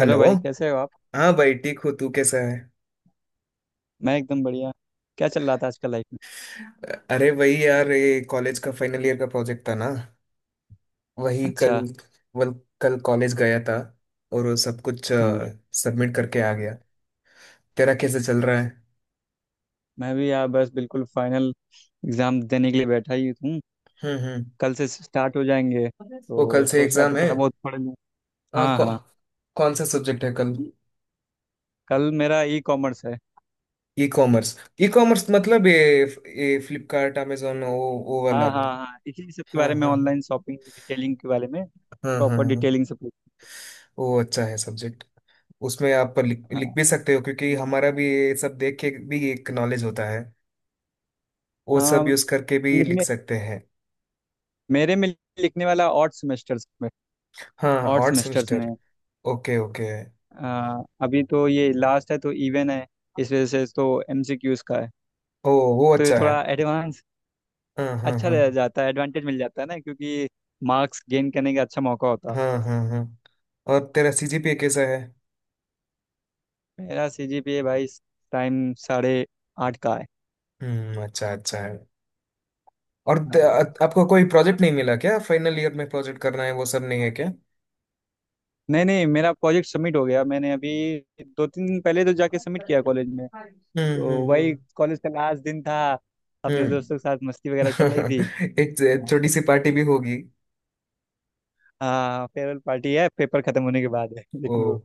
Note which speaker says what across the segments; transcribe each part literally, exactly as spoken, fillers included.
Speaker 1: Hello भाई, कैसे हो आप।
Speaker 2: हाँ भाई, ठीक हूँ। तू कैसा है?
Speaker 1: मैं एकदम बढ़िया। क्या चल रहा था आजकल लाइफ में।
Speaker 2: अ- अरे वही यार, ये कॉलेज का फाइनल ईयर का प्रोजेक्ट था ना, वही
Speaker 1: अच्छा।
Speaker 2: कल वल कल कॉलेज गया था और वो सब कुछ
Speaker 1: हाँ,
Speaker 2: सबमिट करके आ गया। तेरा कैसे चल रहा है?
Speaker 1: मैं भी यार बस बिल्कुल फाइनल एग्जाम देने के लिए बैठा ही हूँ।
Speaker 2: हम्म हम्म।
Speaker 1: कल से स्टार्ट हो जाएंगे
Speaker 2: वो कल
Speaker 1: तो
Speaker 2: से
Speaker 1: सोचा
Speaker 2: एग्जाम
Speaker 1: तो
Speaker 2: है।
Speaker 1: थोड़ा बहुत पढ़ लूँ।
Speaker 2: अ,
Speaker 1: हाँ
Speaker 2: कौ,
Speaker 1: हाँ।
Speaker 2: कौन सा सब्जेक्ट है कल?
Speaker 1: कल मेरा ई कॉमर्स है।
Speaker 2: E commerce. ई कॉमर्स मतलब ये ये फ्लिपकार्ट अमेजोन वो वो वाला
Speaker 1: हाँ हाँ
Speaker 2: ना?
Speaker 1: हाँ, इसी सब के
Speaker 2: हाँ
Speaker 1: बारे में
Speaker 2: हाँ हाँ।
Speaker 1: ऑनलाइन शॉपिंग डिटेलिंग के बारे में
Speaker 2: हाँ हाँ
Speaker 1: प्रॉपर
Speaker 2: हाँ।
Speaker 1: डिटेलिंग से पूछ।
Speaker 2: वो अच्छा है सब्जेक्ट। उसमें आप लिख, लिख
Speaker 1: हाँ
Speaker 2: भी सकते हो, क्योंकि हमारा भी ये सब देख के भी एक नॉलेज होता है। वो
Speaker 1: हाँ।
Speaker 2: सब यूज करके भी लिख
Speaker 1: लिखने
Speaker 2: सकते हैं।
Speaker 1: मेरे में लिखने वाला ऑड सेमेस्टर्स में
Speaker 2: हाँ।
Speaker 1: ऑड
Speaker 2: ऑड
Speaker 1: सेमेस्टर्स में
Speaker 2: सेमेस्टर।
Speaker 1: है।
Speaker 2: Okay okay.
Speaker 1: आ, अभी तो ये लास्ट है तो इवन है। इस वजह से तो एमसीक्यूज का है।
Speaker 2: ओ, वो
Speaker 1: तो ये
Speaker 2: अच्छा है।
Speaker 1: थोड़ा एडवांस
Speaker 2: हाँ हाँ
Speaker 1: अच्छा
Speaker 2: हाँ।
Speaker 1: दिया जाता है, एडवांटेज मिल जाता है ना, क्योंकि मार्क्स गेन करने का अच्छा मौका होता है
Speaker 2: हाँ
Speaker 1: आपके पास।
Speaker 2: हाँ हाँ। और तेरा सीजीपीए कैसा है?
Speaker 1: मेरा सीजीपीए भाई इस टाइम साढ़े आठ का है।
Speaker 2: हम्म, अच्छा अच्छा है। और
Speaker 1: हाँ।
Speaker 2: त- आपको कोई प्रोजेक्ट नहीं मिला क्या? फाइनल ईयर में प्रोजेक्ट करना है, वो सब नहीं है क्या?
Speaker 1: नहीं नहीं, मेरा प्रोजेक्ट सबमिट हो गया, मैंने अभी दो तीन दिन पहले तो जाके सबमिट किया कॉलेज में।
Speaker 2: हम्म
Speaker 1: तो
Speaker 2: हम्म
Speaker 1: वही
Speaker 2: हम्म।
Speaker 1: कॉलेज का लास्ट दिन था, अपने
Speaker 2: हम्म।
Speaker 1: दोस्तों के साथ मस्ती वगैरह चल रही थी।
Speaker 2: एक छोटी सी पार्टी भी होगी।
Speaker 1: हाँ, फेयरवेल पार्टी है, पेपर खत्म होने के बाद है। लेकिन वो,
Speaker 2: वो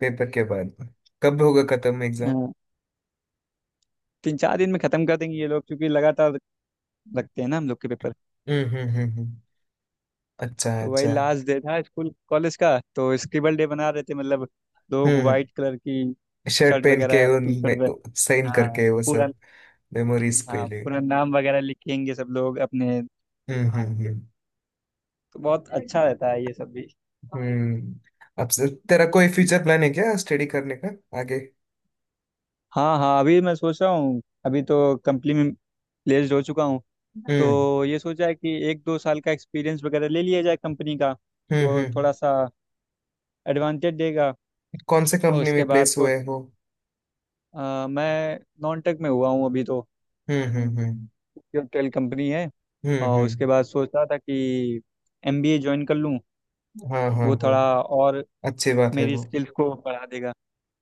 Speaker 2: पेपर के बाद कब होगा खत्म एग्जाम?
Speaker 1: हाँ, तीन चार दिन में खत्म कर देंगे ये लोग क्योंकि लगातार रखते हैं ना हम लोग के पेपर।
Speaker 2: हम्म हम्म हम्म। हम्म। अच्छा
Speaker 1: तो वही
Speaker 2: अच्छा।
Speaker 1: लास्ट डे था स्कूल कॉलेज का, तो स्क्रिबल डे बना रहे थे, मतलब
Speaker 2: हम्म।
Speaker 1: लोग
Speaker 2: हम्म।
Speaker 1: वाइट कलर की
Speaker 2: शर्ट
Speaker 1: शर्ट
Speaker 2: पहन के
Speaker 1: वगैरह, टी शर्ट।
Speaker 2: उन साइन
Speaker 1: हाँ
Speaker 2: करके वो
Speaker 1: पूरा,
Speaker 2: सब। मेमोरीज के
Speaker 1: हाँ
Speaker 2: लिए।
Speaker 1: पूरा नाम वगैरह लिखेंगे सब लोग अपने।
Speaker 2: हम्म हम्म हम्म।
Speaker 1: तो बहुत अच्छा रहता है ये सब भी।
Speaker 2: हम्म। अब से- तेरा कोई फ्यूचर प्लान है क्या, स्टडी करने का आगे?
Speaker 1: हाँ हाँ, अभी मैं सोच रहा हूँ, अभी तो कंपनी में प्लेस्ड हो चुका हूँ।
Speaker 2: हम्म
Speaker 1: तो ये सोचा है कि एक दो साल का एक्सपीरियंस वगैरह ले लिया जाए कंपनी का,
Speaker 2: हम्म हम्म।
Speaker 1: तो
Speaker 2: हम्म।
Speaker 1: थोड़ा सा एडवांटेज देगा।
Speaker 2: कौन से
Speaker 1: और
Speaker 2: कंपनी
Speaker 1: उसके
Speaker 2: में
Speaker 1: बाद
Speaker 2: प्लेस
Speaker 1: कुछ,
Speaker 2: हुए हो?
Speaker 1: अ, मैं नॉन टेक में हुआ हूँ अभी तो।
Speaker 2: हम्म हम्म हम्म
Speaker 1: टेल कंपनी है।
Speaker 2: हम्म।
Speaker 1: और उसके
Speaker 2: हम्म।
Speaker 1: बाद सोच रहा था कि एमबीए ज्वाइन कर लूँ,
Speaker 2: हाँ हाँ
Speaker 1: वो
Speaker 2: हो।
Speaker 1: थोड़ा और
Speaker 2: अच्छी बात है
Speaker 1: मेरी
Speaker 2: वो।
Speaker 1: स्किल्स को बढ़ा देगा।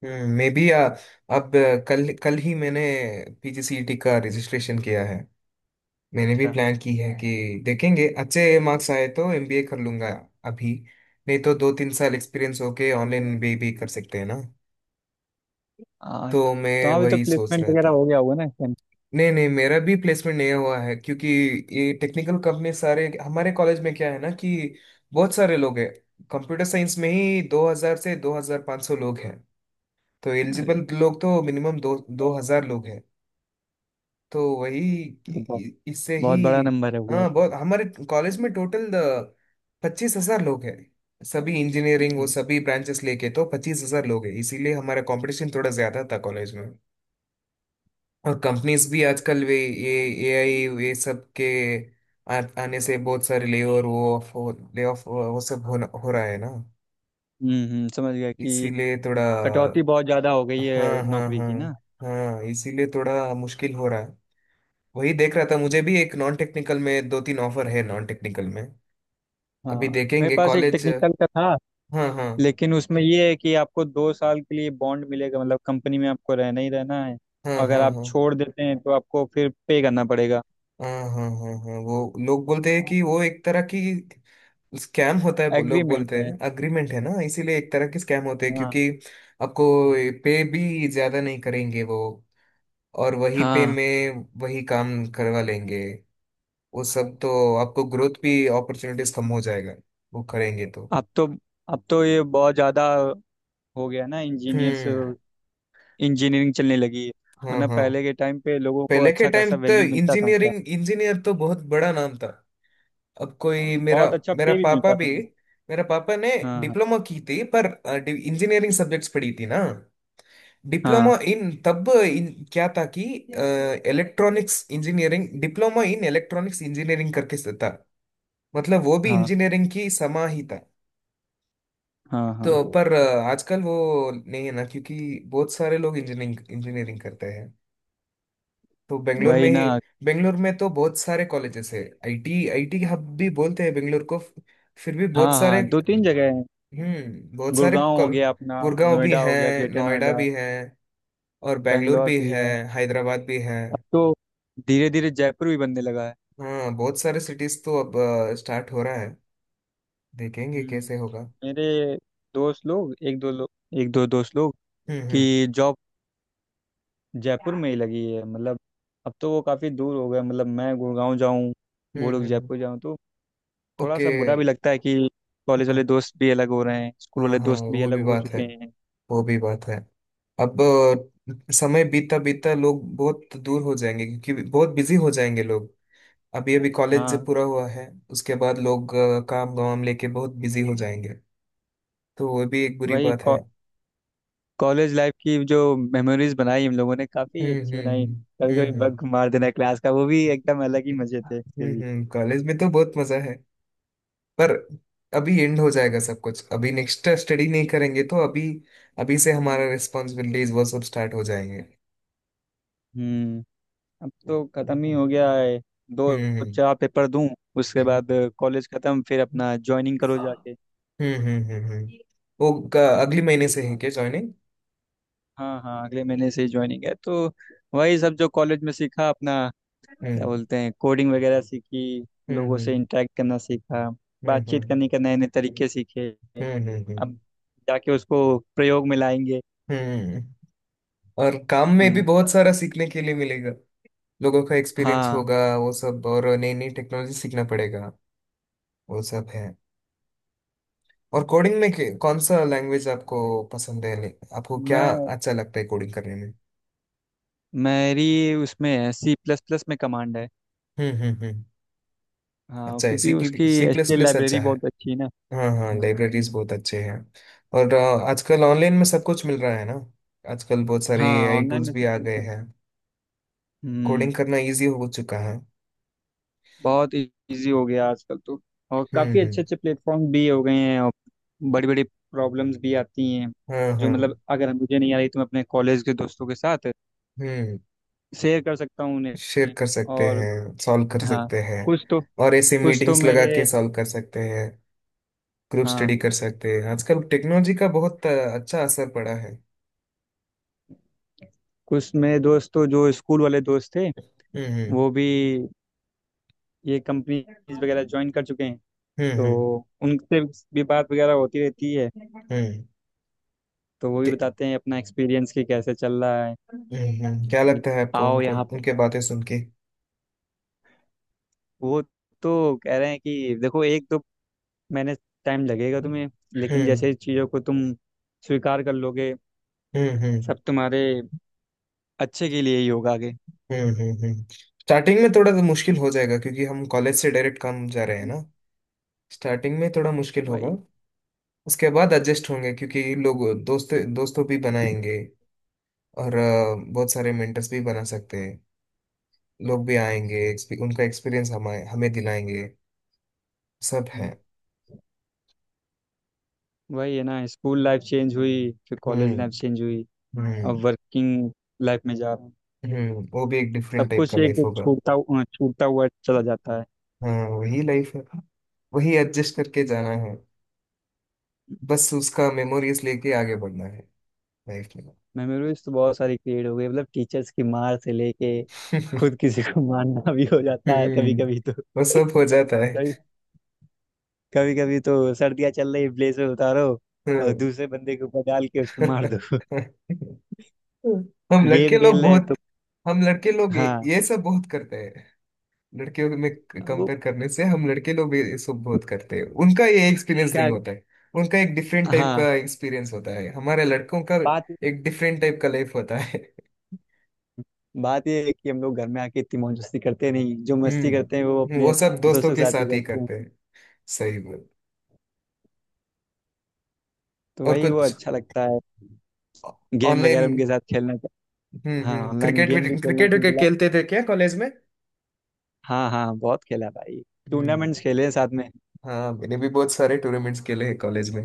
Speaker 2: हम्म। मे बी अब कल, कल ही मैंने पीजीसीईटी का रजिस्ट्रेशन किया है। मैंने भी
Speaker 1: अच्छा।
Speaker 2: प्लान की है कि देखेंगे, अच्छे मार्क्स आए तो एमबीए कर लूंगा अभी। नहीं तो दो तीन साल एक्सपीरियंस होके ऑनलाइन एमबीए भी कर सकते हैं ना,
Speaker 1: आ,
Speaker 2: तो
Speaker 1: तो
Speaker 2: मैं
Speaker 1: हाँ, अभी तो
Speaker 2: वही सोच
Speaker 1: प्लेसमेंट
Speaker 2: रहा
Speaker 1: वगैरह
Speaker 2: था।
Speaker 1: हो गया होगा ना इस time?
Speaker 2: नहीं नहीं, मेरा भी प्लेसमेंट नहीं हुआ है, क्योंकि ये टेक्निकल कंपनी सारे हमारे कॉलेज में क्या है ना कि बहुत सारे लोग हैं। कंप्यूटर साइंस में ही दो हज़ार से पच्चीस सौ लोग हैं। तो
Speaker 1: अरे,
Speaker 2: एलिजिबल लोग तो मिनिमम दो 2000 लोग हैं। तो वही
Speaker 1: ये तो बहुत,
Speaker 2: इ- इससे ही।
Speaker 1: बहुत बड़ा नंबर है हुआ
Speaker 2: हाँ,
Speaker 1: है।
Speaker 2: बहुत। हमारे कॉलेज में टोटल पच्चीस हजार लोग हैं। सभी इंजीनियरिंग, वो सभी ब्रांचेस लेके तो पच्चीस हजार लोग हैं, इसीलिए हमारा कंपटीशन थोड़ा ज्यादा था कॉलेज में। और कंपनीज भी आजकल वे ये एआई ये सब के आ, आने से बहुत सारे ले और वो ऑफ, ले ऑफ वो सब हो, हो रहा है ना,
Speaker 1: हम्म हम्म, समझ गया कि
Speaker 2: इसीलिए थोड़ा।
Speaker 1: कटौती बहुत ज़्यादा हो गई
Speaker 2: हाँ
Speaker 1: है
Speaker 2: हाँ
Speaker 1: नौकरी
Speaker 2: हाँ।
Speaker 1: की ना।
Speaker 2: हाँ, इसीलिए थोड़ा मुश्किल हो रहा है। वही देख रहा था, मुझे भी एक नॉन टेक्निकल में दो तीन ऑफर है नॉन टेक्निकल में। अभी
Speaker 1: हाँ, मेरे
Speaker 2: देखेंगे
Speaker 1: पास एक
Speaker 2: कॉलेज।
Speaker 1: टेक्निकल का था,
Speaker 2: हाँ हाँ
Speaker 1: लेकिन उसमें ये है कि आपको दो साल के लिए बॉन्ड मिलेगा, मतलब कंपनी में आपको रहना ही रहना है।
Speaker 2: हाँ
Speaker 1: अगर
Speaker 2: हाँ
Speaker 1: आप
Speaker 2: हाँ।
Speaker 1: छोड़ देते हैं तो आपको फिर पे करना पड़ेगा।
Speaker 2: हाँ हाँ हाँ हाँ, वो लोग बोलते हैं कि वो एक तरह की स्कैम होता है। वो लोग
Speaker 1: एग्रीमेंट
Speaker 2: बोलते
Speaker 1: है,
Speaker 2: हैं अग्रीमेंट है ना, इसीलिए एक तरह की स्कैम होते हैं,
Speaker 1: हाँ
Speaker 2: क्योंकि आपको पे भी ज्यादा नहीं करेंगे वो, और वही पे
Speaker 1: हाँ।
Speaker 2: में वही काम करवा लेंगे। वो सब तो आपको ग्रोथ भी, अपॉर्चुनिटीज कम हो जाएगा वो करेंगे तो।
Speaker 1: अब तो अब तो ये बहुत ज़्यादा हो गया ना, इंजीनियर्स,
Speaker 2: हम्म।
Speaker 1: इंजीनियरिंग चलने लगी है।
Speaker 2: हाँ
Speaker 1: वरना
Speaker 2: हाँ।
Speaker 1: पहले के टाइम पे लोगों को
Speaker 2: पहले के
Speaker 1: अच्छा
Speaker 2: टाइम
Speaker 1: खासा
Speaker 2: तो
Speaker 1: वैल्यू मिलता था उनका।
Speaker 2: इंजीनियरिंग, इंजीनियर तो बहुत बड़ा नाम था। अब
Speaker 1: हाँ,
Speaker 2: कोई मेरा,
Speaker 1: बहुत अच्छा
Speaker 2: मेरा
Speaker 1: पे भी
Speaker 2: पापा
Speaker 1: मिलता
Speaker 2: भी,
Speaker 1: था उन्हें।
Speaker 2: मेरा पापा ने
Speaker 1: हाँ
Speaker 2: डिप्लोमा की थी, पर इंजीनियरिंग सब्जेक्ट्स पढ़ी थी ना।
Speaker 1: हाँ
Speaker 2: डिप्लोमा इन, तब इन क्या था कि electronics engineering, diploma in electronics engineering करके से था। मतलब वो भी
Speaker 1: हाँ
Speaker 2: इंजीनियरिंग की समा ही था।
Speaker 1: हाँ हाँ।
Speaker 2: तो पर अ, आजकल वो नहीं है ना, क्योंकि बहुत सारे लोग इंजीनियरिंग इंजीनियरिंग करते हैं। तो बेंगलोर
Speaker 1: वही
Speaker 2: में ही,
Speaker 1: ना।
Speaker 2: बेंगलोर में तो बहुत सारे कॉलेजेस है। आईटी, आईटी हब भी बोलते हैं बेंगलोर को। फिर भी बहुत
Speaker 1: हाँ
Speaker 2: सारे।
Speaker 1: हाँ, दो तीन जगह है।
Speaker 2: हम्म, बहुत सारे
Speaker 1: गुड़गांव हो
Speaker 2: कॉल-
Speaker 1: गया अपना,
Speaker 2: गुड़गांव भी
Speaker 1: नोएडा
Speaker 2: है,
Speaker 1: हो गया, ग्रेटर
Speaker 2: नोएडा
Speaker 1: नोएडा,
Speaker 2: भी है, और बेंगलोर
Speaker 1: बेंगलोर
Speaker 2: भी
Speaker 1: भी
Speaker 2: है,
Speaker 1: है।
Speaker 2: हैदराबाद भी है।
Speaker 1: अब तो धीरे धीरे जयपुर भी बनने लगा है।
Speaker 2: हाँ बहुत सारे सिटीज तो अब स्टार्ट हो रहा है। देखेंगे
Speaker 1: हम्म।
Speaker 2: कैसे होगा।
Speaker 1: मेरे दोस्त लोग, एक दो लोग, एक दो दोस्त लोग
Speaker 2: हम्म
Speaker 1: कि
Speaker 2: हम्म
Speaker 1: जॉब जयपुर में ही लगी है, मतलब अब तो वो काफ़ी दूर हो गया। मतलब मैं गुड़गांव जाऊँ, वो
Speaker 2: हम्म
Speaker 1: लोग
Speaker 2: हम्म। हम्म।
Speaker 1: जयपुर जाऊँ, तो थोड़ा
Speaker 2: ओके।
Speaker 1: सा बुरा भी लगता है कि कॉलेज वाले
Speaker 2: हाँ
Speaker 1: दोस्त भी अलग हो रहे हैं, स्कूल
Speaker 2: हाँ
Speaker 1: वाले
Speaker 2: हाँ,
Speaker 1: दोस्त भी
Speaker 2: वो
Speaker 1: अलग
Speaker 2: भी
Speaker 1: हो
Speaker 2: बात है,
Speaker 1: चुके हैं।
Speaker 2: वो भी बात है। अब अ, समय बीतता बीतता लोग बहुत दूर हो जाएंगे, क्योंकि बहुत बिजी हो जाएंगे लोग। अभी अभी कॉलेज जब
Speaker 1: हाँ।
Speaker 2: पूरा हुआ है, उसके बाद लोग अ, काम वाम लेके बहुत बिजी हो जाएंगे, तो वो भी एक
Speaker 1: तो
Speaker 2: बुरी
Speaker 1: भाई
Speaker 2: बात है।
Speaker 1: कॉ, कॉलेज लाइफ की जो मेमोरीज बनाई हम लोगों ने, काफ़ी
Speaker 2: हम्म
Speaker 1: अच्छी बनाई।
Speaker 2: हम्म
Speaker 1: कभी कभी
Speaker 2: हम्म हम्म
Speaker 1: बग मार देना क्लास का, वो भी एकदम अलग ही मज़े थे उसके
Speaker 2: हम्म।
Speaker 1: भी।
Speaker 2: हम्म, कॉलेज में तो बहुत मजा है, पर अभी एंड हो जाएगा सब कुछ। अभी नेक्स्ट स्टडी नहीं करेंगे तो अभी, अभी से हमारा रिस्पॉन्सिबिलिटीज वो सब स्टार्ट हो जाएंगे।
Speaker 1: हम्म। अब तो ख़त्म ही हो गया है, दो
Speaker 2: हम्म
Speaker 1: चार पेपर दूं उसके
Speaker 2: हम्म
Speaker 1: बाद कॉलेज ख़त्म, फिर अपना ज्वाइनिंग करो जाके।
Speaker 2: हम्म हम्म हम्म हम्म, हम्म। हम्म। वो क- अगले महीने से है क्या ज्वाइनिंग?
Speaker 1: हाँ हाँ, अगले महीने से ही ज्वाइनिंग है। तो वही सब जो कॉलेज में सीखा अपना, क्या
Speaker 2: हम्म
Speaker 1: बोलते हैं, कोडिंग वगैरह सीखी,
Speaker 2: हम्म
Speaker 1: लोगों से
Speaker 2: हम्म
Speaker 1: इंटरेक्ट करना सीखा,
Speaker 2: हम्म
Speaker 1: बातचीत
Speaker 2: हम्म
Speaker 1: करने के नए नए तरीके सीखे,
Speaker 2: हम्म हम्म हम्म
Speaker 1: अब
Speaker 2: हम्म,
Speaker 1: जाके उसको प्रयोग में लाएंगे।
Speaker 2: हम्म। और काम में भी
Speaker 1: हम्म।
Speaker 2: बहुत सारा सीखने के लिए मिलेगा। लोगों का एक्सपीरियंस
Speaker 1: हाँ
Speaker 2: होगा वो सब, और नई नई टेक्नोलॉजी सीखना पड़ेगा, वो सब है। और कोडिंग में के- कौन सा लैंग्वेज आपको पसंद है? नहीं, आपको क्या
Speaker 1: मैं
Speaker 2: अच्छा लगता है कोडिंग करने में?
Speaker 1: मेरी उसमें है, सी प्लस प्लस में कमांड है।
Speaker 2: हम्म हम्म हम्म।
Speaker 1: हाँ,
Speaker 2: अच्छा है सी,
Speaker 1: क्योंकि उसकी
Speaker 2: सी प्लस
Speaker 1: एचटीएल
Speaker 2: प्लस अच्छा
Speaker 1: लाइब्रेरी
Speaker 2: है।
Speaker 1: बहुत अच्छी है ना।
Speaker 2: हाँ हाँ,
Speaker 1: हाँ
Speaker 2: लाइब्रेरीज बहुत अच्छे हैं। और अ, आजकल ऑनलाइन में सब कुछ मिल रहा है ना। आजकल बहुत सारे
Speaker 1: हाँ।
Speaker 2: एआई
Speaker 1: ऑनलाइन
Speaker 2: टूल्स
Speaker 1: में
Speaker 2: भी
Speaker 1: तो
Speaker 2: आ
Speaker 1: ठीक
Speaker 2: गए
Speaker 1: है।
Speaker 2: हैं,
Speaker 1: हम्म।
Speaker 2: कोडिंग करना इजी हो चुका है।
Speaker 1: बहुत इजी हो गया आजकल तो, और
Speaker 2: हम्म
Speaker 1: काफ़ी अच्छे
Speaker 2: हम्म।
Speaker 1: अच्छे प्लेटफॉर्म भी हो गए हैं। और बड़ी बड़ी प्रॉब्लम्स भी आती हैं,
Speaker 2: हाँ
Speaker 1: जो
Speaker 2: हाँ।
Speaker 1: मतलब अगर मुझे नहीं आ रही तो मैं अपने कॉलेज के दोस्तों के साथ
Speaker 2: हम्म।
Speaker 1: शेयर कर सकता हूँ
Speaker 2: शेयर
Speaker 1: उन्हें।
Speaker 2: कर सकते
Speaker 1: और
Speaker 2: हैं, सॉल्व कर
Speaker 1: हाँ,
Speaker 2: सकते हैं।
Speaker 1: कुछ तो
Speaker 2: और ऐसे
Speaker 1: कुछ तो
Speaker 2: मीटिंग्स लगा
Speaker 1: मेरे
Speaker 2: के सॉल्व कर सकते हैं, ग्रुप
Speaker 1: हाँ,
Speaker 2: स्टडी कर सकते हैं। आजकल टेक्नोलॉजी का बहुत अ, अच्छा असर पड़ा है।
Speaker 1: कुछ मेरे दोस्त तो जो स्कूल वाले दोस्त थे,
Speaker 2: हम्म हम्म
Speaker 1: वो भी ये कंपनीज वगैरह ज्वाइन कर चुके हैं।
Speaker 2: हम्म
Speaker 1: तो
Speaker 2: हम्म
Speaker 1: उनसे भी बात वगैरह होती रहती है,
Speaker 2: हम्म
Speaker 1: तो वो भी
Speaker 2: के-
Speaker 1: बताते हैं अपना एक्सपीरियंस कि कैसे चल रहा
Speaker 2: हम्म, हम्म। क्या
Speaker 1: है।
Speaker 2: लगता है आपको
Speaker 1: आओ
Speaker 2: उनको,
Speaker 1: यहाँ।
Speaker 2: उनके बातें सुन के?
Speaker 1: वो तो कह रहे हैं कि देखो, एक तो मैंने टाइम लगेगा तुम्हें, लेकिन
Speaker 2: हम्म
Speaker 1: जैसे चीज़ों को तुम स्वीकार कर लोगे,
Speaker 2: हम्म हम्म
Speaker 1: सब तुम्हारे अच्छे के लिए ही होगा आगे।
Speaker 2: हम्म हम्म हम्म। स्टार्टिंग में थोड़ा सा मुश्किल हो जाएगा, क्योंकि हम कॉलेज से डायरेक्ट काम जा रहे हैं ना। स्टार्टिंग में थोड़ा मुश्किल होगा।
Speaker 1: वही।
Speaker 2: उसके बाद एडजस्ट होंगे, क्योंकि लोग दोस्त दोस्तों भी बनाएंगे। और अ, बहुत सारे मेंटर्स भी बना सकते हैं। लोग भी आएंगे, एक्सपी- उनका एक्सपीरियंस हमें हमें दिलाएंगे, सब है।
Speaker 1: हम्म। वही है ना, स्कूल लाइफ चेंज हुई, फिर कॉलेज लाइफ
Speaker 2: हम्म
Speaker 1: चेंज हुई, अब
Speaker 2: हम्म
Speaker 1: वर्किंग लाइफ में जा रहा हूँ।
Speaker 2: हम्म। वो भी एक डिफरेंट
Speaker 1: सब
Speaker 2: टाइप
Speaker 1: कुछ
Speaker 2: का
Speaker 1: एक
Speaker 2: लाइफ होगा।
Speaker 1: छूटता हु- छूटता हुआ चला जाता है।
Speaker 2: हाँ वही लाइफ है, वही एडजस्ट करके जाना है। बस उसका मेमोरीज लेके आगे बढ़ना है लाइफ में।
Speaker 1: मेमोरीज तो बहुत सारी क्रिएट हो गई, मतलब टीचर्स की मार से लेके खुद किसी को मारना भी हो जाता है कभी
Speaker 2: हम्म,
Speaker 1: कभी तो।
Speaker 2: वो सब हो जाता है।
Speaker 1: कभी कभी कभी तो सर्दियां चल रही, ब्लेड से उतारो और
Speaker 2: हम्म।
Speaker 1: दूसरे बंदे के ऊपर डाल के उसको मार दो।
Speaker 2: हम लड़के
Speaker 1: गेम
Speaker 2: लोग
Speaker 1: खेल रहे हैं
Speaker 2: बहुत,
Speaker 1: तो।
Speaker 2: हम लड़के लोग ये
Speaker 1: हाँ,
Speaker 2: ये सब बहुत करते। लड़कियों में
Speaker 1: वो
Speaker 2: कंपेयर करने से हम लड़के लोग भी इसको बहुत करते हैं। उनका ये एक्सपीरियंस
Speaker 1: क्या,
Speaker 2: नहीं होता है, उनका एक डिफरेंट टाइप
Speaker 1: हाँ,
Speaker 2: का एक्सपीरियंस होता है। हमारे लड़कों का
Speaker 1: बात
Speaker 2: एक डिफरेंट टाइप का लाइफ होता है।
Speaker 1: बात ये है कि हम लोग घर में आके इतनी मौज मस्ती करते नहीं, जो मस्ती करते हैं वो
Speaker 2: हम्म, वो
Speaker 1: अपने
Speaker 2: सब दोस्तों
Speaker 1: दोस्तों के
Speaker 2: के
Speaker 1: साथ ही
Speaker 2: साथ ही
Speaker 1: करते हैं।
Speaker 2: करते हैं। सही बोल।
Speaker 1: तो
Speaker 2: और
Speaker 1: वही वो
Speaker 2: कुछ
Speaker 1: अच्छा लगता है, गेम
Speaker 2: ऑनलाइन।
Speaker 1: वगैरह उनके साथ खेलना।
Speaker 2: हम्म
Speaker 1: हाँ,
Speaker 2: हम्म,
Speaker 1: ऑनलाइन
Speaker 2: क्रिकेट भी,
Speaker 1: गेम भी खेलना
Speaker 2: क्रिकेट
Speaker 1: के
Speaker 2: भी
Speaker 1: बिला।
Speaker 2: खेलते थे क्या कॉलेज में?
Speaker 1: हाँ हाँ, बहुत खेला भाई,
Speaker 2: हम्म।
Speaker 1: टूर्नामेंट्स खेले हैं साथ में।
Speaker 2: हाँ, मैंने भी बहुत सारे टूर्नामेंट्स खेले हैं कॉलेज में,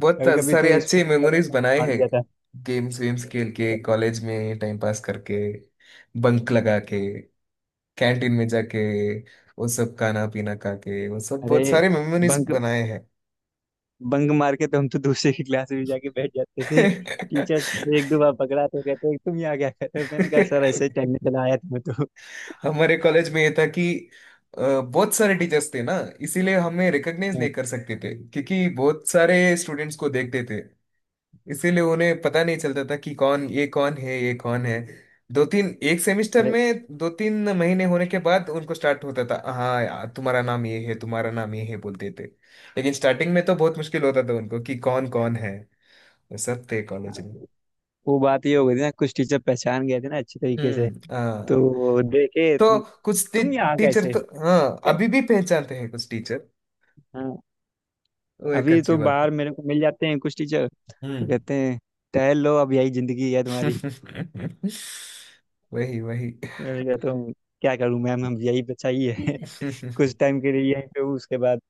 Speaker 2: बहुत
Speaker 1: कभी कभी
Speaker 2: सारे
Speaker 1: तो
Speaker 2: अच्छे
Speaker 1: स्कूल का भी
Speaker 2: मेमोरीज
Speaker 1: बंक
Speaker 2: बनाए
Speaker 1: मार
Speaker 2: हैं।
Speaker 1: दिया था।
Speaker 2: गेम्स वेम्स खेल के कॉलेज में टाइम पास करके, बंक लगा के, कैंटीन में जाके वो सब खाना पीना खा के, वो सब बहुत
Speaker 1: अरे,
Speaker 2: सारे मेमोरीज
Speaker 1: बंक
Speaker 2: बनाए हैं।
Speaker 1: बंक मार के तो हम तो दूसरे की क्लास में जाके बैठ जाते थे। टीचर एक दो बार पकड़ा तो कहते तुम यहाँ क्या कर रहे हो, मैंने कहा सर ऐसे ही टहलने चला आया था मैं तो।
Speaker 2: हमारे कॉलेज में ये था कि अ, बहुत सारे टीचर्स थे ना, इसीलिए हमें रिकॉग्नाइज
Speaker 1: हाँ,
Speaker 2: नहीं कर सकते थे, क्योंकि बहुत सारे स्टूडेंट्स को देखते थे। इसीलिए उन्हें पता नहीं चलता था कि कौन, ये कौन है, ये कौन है। दो तीन, एक सेमेस्टर
Speaker 1: अरे
Speaker 2: में दो तीन महीने होने के बाद उनको स्टार्ट होता था, हाँ यार तुम्हारा नाम ये है, तुम्हारा नाम ये है बोलते थे। लेकिन स्टार्टिंग में तो बहुत मुश्किल होता था उनको कि कौन कौन है, वो सब थे
Speaker 1: हाँ,
Speaker 2: कॉलेज में।
Speaker 1: वो बात ये हो गई थी ना, कुछ टीचर पहचान गए थे ना अच्छे तरीके से।
Speaker 2: हम्म। हाँ,
Speaker 1: तो देखे
Speaker 2: तो
Speaker 1: तुम
Speaker 2: कुछ टी,
Speaker 1: तुम यहाँ
Speaker 2: टीचर
Speaker 1: कैसे।
Speaker 2: तो, हाँ अभी
Speaker 1: कै-
Speaker 2: भी पहचानते हैं कुछ टीचर,
Speaker 1: हाँ।
Speaker 2: वो एक
Speaker 1: अभी
Speaker 2: अच्छी
Speaker 1: तो
Speaker 2: बात है।
Speaker 1: बाहर मेरे को मिल जाते हैं कुछ टीचर, तो
Speaker 2: हम्म।
Speaker 1: कहते हैं टहल लो, अब यही जिंदगी है तुम्हारी।
Speaker 2: वही वही।
Speaker 1: मैंने कहा तो क्या करूं मैम, हम यही बचा ही है। कुछ टाइम के लिए यहीं पे हूँ उसके बाद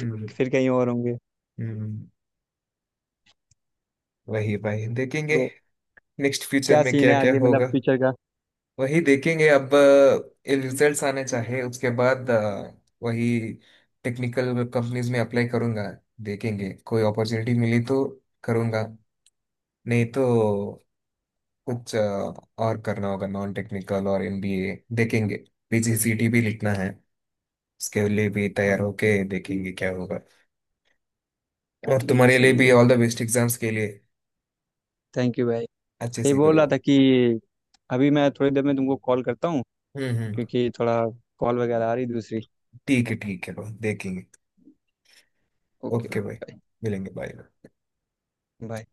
Speaker 1: फिर फिर कहीं और होंगे।
Speaker 2: हम्म। वही भाई देखेंगे,
Speaker 1: तो
Speaker 2: नेक्स्ट फ्यूचर
Speaker 1: क्या
Speaker 2: में
Speaker 1: सीन
Speaker 2: क्या
Speaker 1: है
Speaker 2: क्या
Speaker 1: आगे, मतलब
Speaker 2: होगा।
Speaker 1: फ्यूचर का।
Speaker 2: वही देखेंगे। अब अ, ये रिजल्ट्स आने चाहिए, उसके बाद अ, वही टेक्निकल कंपनीज में अप्लाई करूंगा। देखेंगे कोई अपॉर्चुनिटी मिली तो करूंगा, नहीं तो कुछ अ, और करना होगा, नॉन टेक्निकल और एमबीए देखेंगे। पीजीसीटी भी लिखना है, उसके लिए भी तैयार
Speaker 1: हाँ,
Speaker 2: होके देखेंगे क्या होगा। और
Speaker 1: ये भी
Speaker 2: तुम्हारे लिए
Speaker 1: सही
Speaker 2: भी
Speaker 1: है,
Speaker 2: ऑल द बेस्ट एग्जाम्स के लिए,
Speaker 1: थैंक यू भाई।
Speaker 2: अच्छे
Speaker 1: ये
Speaker 2: से
Speaker 1: बोल रहा
Speaker 2: करो।
Speaker 1: था कि अभी मैं थोड़ी देर में तुमको कॉल करता हूँ
Speaker 2: हम्म हम्म।
Speaker 1: क्योंकि थोड़ा कॉल वगैरह आ रही दूसरी।
Speaker 2: ठीक है ठीक है भाई, देखेंगे।
Speaker 1: ओके
Speaker 2: ओके
Speaker 1: ओके
Speaker 2: भाई,
Speaker 1: भाई,
Speaker 2: मिलेंगे, बाय।
Speaker 1: बाय।